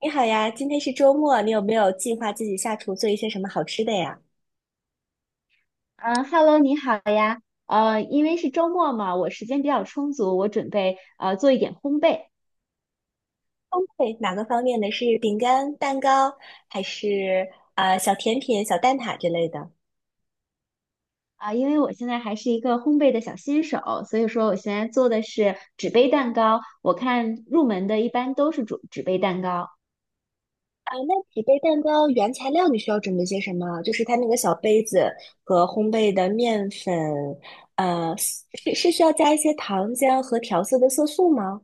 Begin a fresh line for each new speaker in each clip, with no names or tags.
你好呀，今天是周末，你有没有计划自己下厨做一些什么好吃的呀？
嗯，Hello，你好呀。因为是周末嘛，我时间比较充足，我准备做一点烘焙
烘焙哪个方面的？是饼干、蛋糕，还是小甜品、小蛋挞之类的？
啊，因为我现在还是一个烘焙的小新手，所以说我现在做的是纸杯蛋糕。我看入门的一般都是纸杯蛋糕。
啊，那几杯蛋糕原材料你需要准备些什么？就是它那个小杯子和烘焙的面粉，是需要加一些糖浆和调色的色素吗？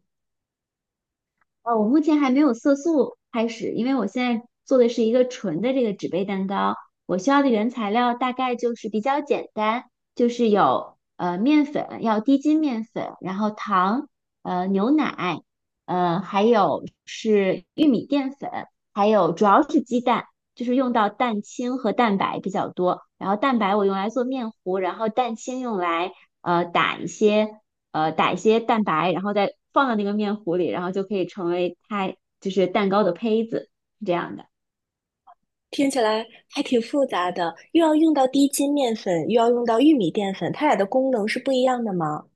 我目前还没有色素开始，因为我现在做的是一个纯的这个纸杯蛋糕。我需要的原材料大概就是比较简单，就是有面粉，要低筋面粉，然后糖，牛奶，还有是玉米淀粉，还有主要是鸡蛋，就是用到蛋清和蛋白比较多。然后蛋白我用来做面糊，然后蛋清用来打一些。打一些蛋白，然后再放到那个面糊里，然后就可以成为它就是蛋糕的胚子，是这样的。
听起来还挺复杂的，又要用到低筋面粉，又要用到玉米淀粉，它俩的功能是不一样的吗？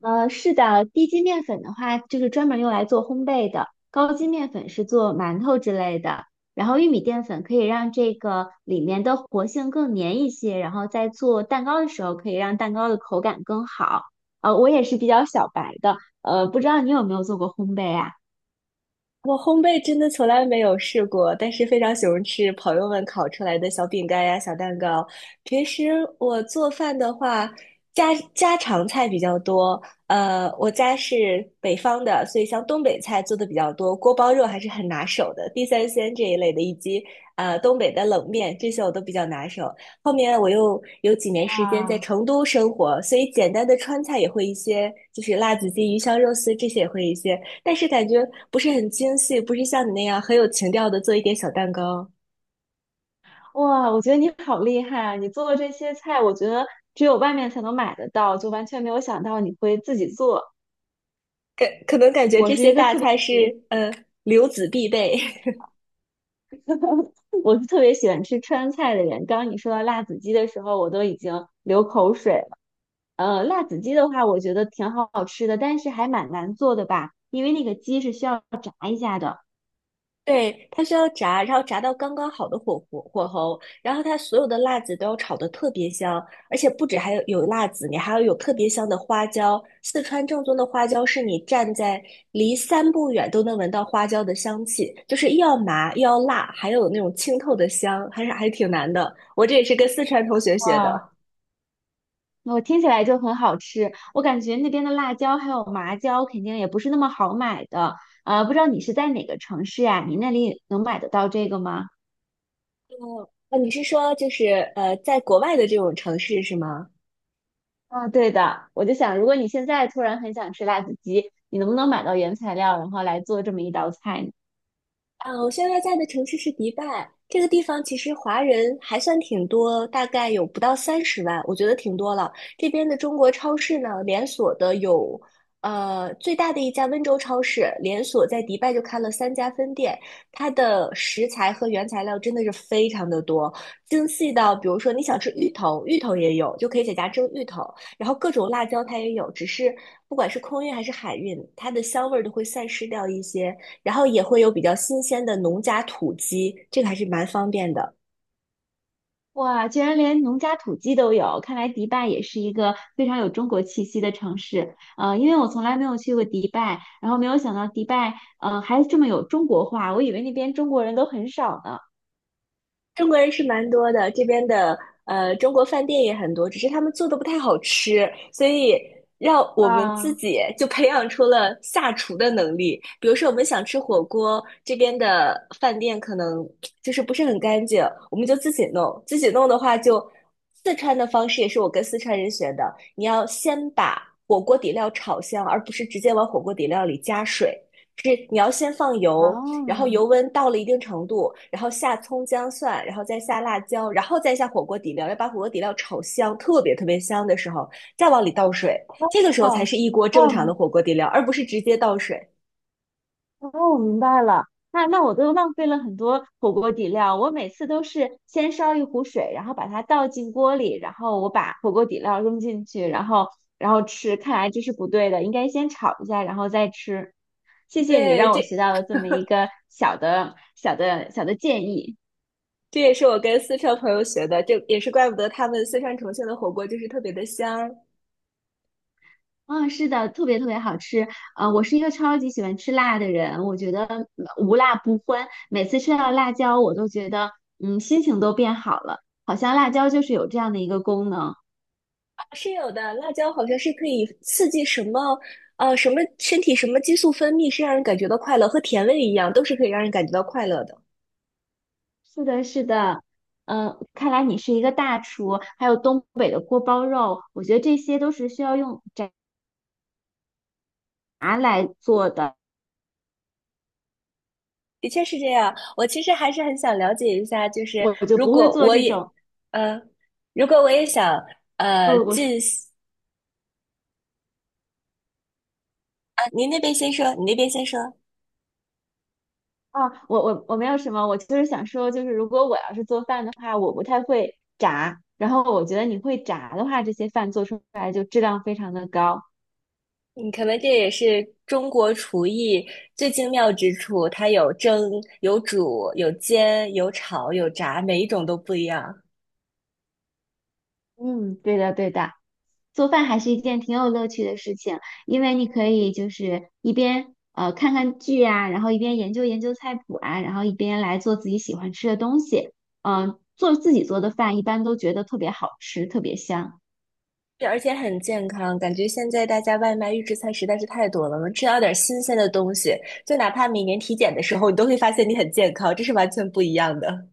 是的，低筋面粉的话，就是专门用来做烘焙的；高筋面粉是做馒头之类的。然后玉米淀粉可以让这个里面的活性更粘一些，然后在做蛋糕的时候可以让蛋糕的口感更好。我也是比较小白的，不知道你有没有做过烘焙啊？
我烘焙真的从来没有试过，但是非常喜欢吃朋友们烤出来的小饼干呀、小蛋糕。平时我做饭的话，家家常菜比较多。我家是北方的，所以像东北菜做的比较多，锅包肉还是很拿手的，地三鲜这一类的，以及东北的冷面，这些我都比较拿手。后面我又有几年时间在
啊。
成都生活，所以简单的川菜也会一些，就是辣子鸡、鱼香肉丝这些也会一些。但是感觉不是很精细，不是像你那样很有情调的做一点小蛋糕。
哇，我觉得你好厉害啊！你做的这些菜，我觉得只有外面才能买得到，就完全没有想到你会自己做。
感可能感觉
我
这
是一
些
个
大
特别
菜
特
是
别，
留子必备。
我是特别喜欢吃川菜的人。刚刚你说到辣子鸡的时候，我都已经流口水了。辣子鸡的话，我觉得挺好吃的，但是还蛮难做的吧，因为那个鸡是需要炸一下的。
对，它需要炸，然后炸到刚刚好的火候，然后它所有的辣子都要炒得特别香，而且不止还有辣子，你还要有特别香的花椒。四川正宗的花椒是你站在离三步远都能闻到花椒的香气，就是又要麻又要辣，还有那种清透的香，还是还挺难的。我这也是跟四川同学学
哇，
的。
我听起来就很好吃，我感觉那边的辣椒还有麻椒肯定也不是那么好买的。不知道你是在哪个城市呀？你那里能买得到这个吗？
啊，你是说就是在国外的这种城市是吗？
啊，对的，我就想，如果你现在突然很想吃辣子鸡，你能不能买到原材料，然后来做这么一道菜呢？
啊，我现在在的城市是迪拜，这个地方其实华人还算挺多，大概有不到30万，我觉得挺多了。这边的中国超市呢，连锁的有，最大的一家温州超市连锁在迪拜就开了3家分店，它的食材和原材料真的是非常的多，精细到比如说你想吃芋头，芋头也有，就可以在家蒸芋头，然后各种辣椒它也有，只是不管是空运还是海运，它的香味儿都会散失掉一些。然后也会有比较新鲜的农家土鸡，这个还是蛮方便的。
哇，居然连农家土鸡都有，看来迪拜也是一个非常有中国气息的城市。因为我从来没有去过迪拜，然后没有想到迪拜，还这么有中国化，我以为那边中国人都很少呢。
中国人是蛮多的，这边的中国饭店也很多，只是他们做的不太好吃，所以让我们自
啊。
己就培养出了下厨的能力。比如说，我们想吃火锅，这边的饭店可能就是不是很干净，我们就自己弄。自己弄的话就，四川的方式也是我跟四川人学的，你要先把火锅底料炒香，而不是直接往火锅底料里加水。是你要先放油，然后
哦
油温到了一定程度，然后下葱姜蒜，然后再下辣椒，然后再下火锅底料，要把火锅底料炒香，特别特别香的时候，再往里倒水，这个时候才
哦
是一锅正常
哦
的火锅底料，而不是直接倒水。
哦，我明白了。那我都浪费了很多火锅底料，我每次都是先烧一壶水，然后把它倒进锅里，然后我把火锅底料扔进去，然后吃。看来这是不对的，应该先炒一下，然后再吃。谢谢你
对，
让我
这
学到了这么一个小的建议。
这也是我跟四川朋友学的，这也是怪不得他们四川重庆的火锅就是特别的香。
嗯，是的，特别特别好吃。我是一个超级喜欢吃辣的人，我觉得嗯无辣不欢。每次吃到辣椒，我都觉得嗯，心情都变好了，好像辣椒就是有这样的一个功能。
啊，是有的，辣椒好像是可以刺激什么。什么身体什么激素分泌是让人感觉到快乐，和甜味一样，都是可以让人感觉到快乐的。
是的，是的。嗯，看来你是一个大厨，还有东北的锅包肉，我觉得这些都是需要用炸来做的，
的确是这样。我其实还是很想了解一下，就是
我就
如
不会
果
做
我
这
也，
种。
呃，如果我也想，
呃，我
进行啊，您那边先说，你那边先说。
啊，我没有什么，我就是想说，就是如果我要是做饭的话，我不太会炸，然后我觉得你会炸的话，这些饭做出来就质量非常的高。
嗯，可能这也是中国厨艺最精妙之处，它有蒸、有煮、有煎、有炒、有炸，每一种都不一样。
嗯，对的对的，做饭还是一件挺有乐趣的事情，因为你可以就是一边看看剧啊，然后一边研究研究菜谱啊，然后一边来做自己喜欢吃的东西。嗯、做自己做的饭一般都觉得特别好吃，特别香。
对，而且很健康。感觉现在大家外卖预制菜实在是太多了，能吃到点新鲜的东西，就哪怕每年体检的时候，你都会发现你很健康，这是完全不一样的。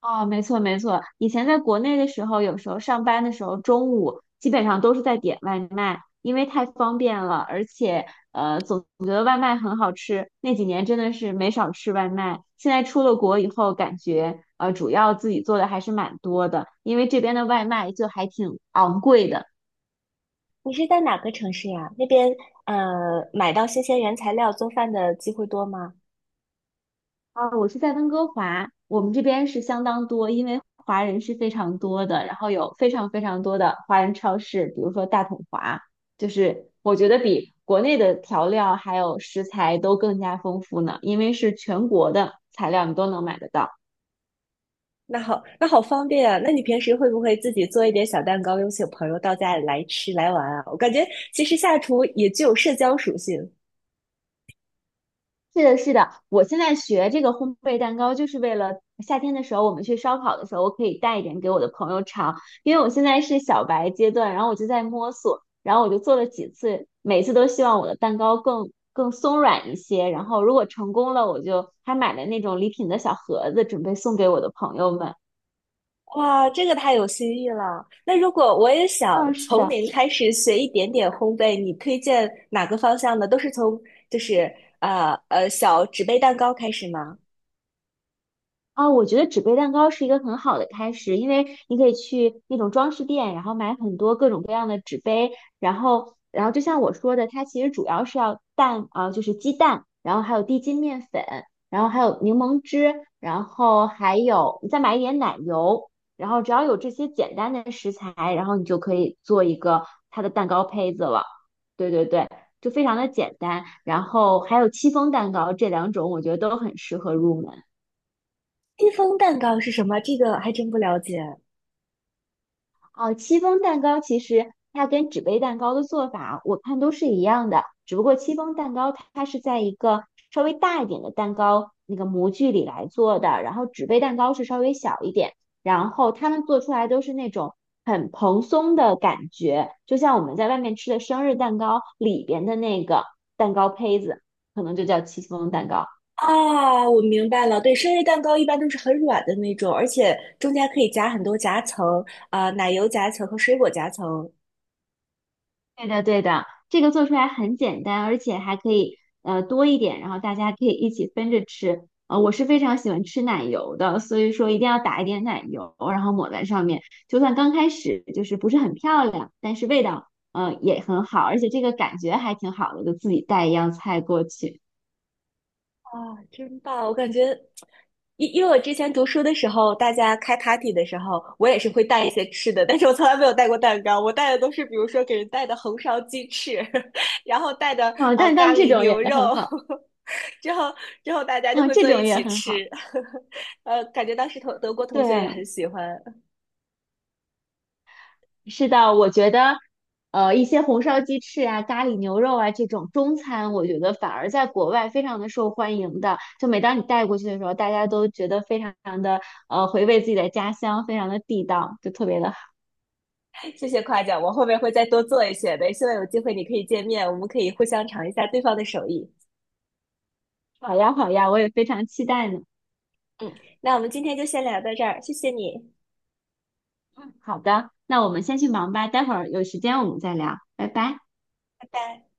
哦，没错没错，以前在国内的时候，有时候上班的时候，中午基本上都是在点外卖，因为太方便了，而且总觉得外卖很好吃。那几年真的是没少吃外卖。现在出了国以后，感觉主要自己做的还是蛮多的，因为这边的外卖就还挺昂贵的。
你是在哪个城市呀？那边买到新鲜原材料做饭的机会多吗？
啊，我是在温哥华，我们这边是相当多，因为华人是非常多的，然后有非常非常多的华人超市，比如说大统华，就是我觉得比国内的调料还有食材都更加丰富呢，因为是全国的材料你都能买得到。
那好，那好方便啊！那你平时会不会自己做一点小蛋糕，邀请朋友到家里来吃来玩啊？我感觉其实下厨也具有社交属性。
是的，是的，我现在学这个烘焙蛋糕，就是为了夏天的时候我们去烧烤的时候，我可以带一点给我的朋友尝，因为我现在是小白阶段，然后我就在摸索，然后我就做了几次，每次都希望我的蛋糕更松软一些，然后如果成功了，我就还买了那种礼品的小盒子，准备送给我的朋友们。
哇，这个太有新意了！那如果我也
啊，
想
是
从
的。
零开始学一点点烘焙，你推荐哪个方向呢？都是从就是小纸杯蛋糕开始吗？
啊、我觉得纸杯蛋糕是一个很好的开始，因为你可以去那种装饰店，然后买很多各种各样的纸杯，然后就像我说的，它其实主要是要蛋啊、就是鸡蛋，然后还有低筋面粉，然后还有柠檬汁，然后还有你再买一点奶油，然后只要有这些简单的食材，然后你就可以做一个它的蛋糕胚子了。对对对，就非常的简单，然后还有戚风蛋糕，这两种我觉得都很适合入门。
戚风蛋糕是什么？这个还真不了解。
哦，戚风蛋糕其实它跟纸杯蛋糕的做法，我看都是一样的，只不过戚风蛋糕它是在一个稍微大一点的蛋糕那个模具里来做的，然后纸杯蛋糕是稍微小一点，然后他们做出来都是那种很蓬松的感觉，就像我们在外面吃的生日蛋糕里边的那个蛋糕胚子，可能就叫戚风蛋糕。
啊，我明白了。对，生日蛋糕一般都是很软的那种，而且中间可以夹很多夹层，啊、奶油夹层和水果夹层。
对的，对的，这个做出来很简单，而且还可以多一点，然后大家可以一起分着吃。我是非常喜欢吃奶油的，所以说一定要打一点奶油，然后抹在上面。就算刚开始就是不是很漂亮，但是味道也很好，而且这个感觉还挺好的，就自己带一样菜过去。
啊，真棒！我感觉，因为我之前读书的时候，大家开 party 的时候，我也是会带一些吃的，但是我从来没有带过蛋糕，我带的都是比如说给人带的红烧鸡翅，然后带的
哦
啊、
但
咖
但这
喱
种
牛
也很
肉，
好，
之后之后大家就
啊、
会
这
坐
种
一
也
起
很好，
吃，感觉当时同德国同学也很
对。
喜欢。
是的，我觉得，一些红烧鸡翅啊、咖喱牛肉啊这种中餐，我觉得反而在国外非常的受欢迎的。就每当你带过去的时候，大家都觉得非常的回味自己的家乡，非常的地道，就特别的好。
谢谢夸奖，我后面会再多做一些的。希望有机会你可以见面，我们可以互相尝一下对方的手艺。
好呀，好呀，我也非常期待呢。
嗯，那我们今天就先聊到这儿，谢谢你，
好的，那我们先去忙吧，待会儿有时间我们再聊，拜拜。
拜拜。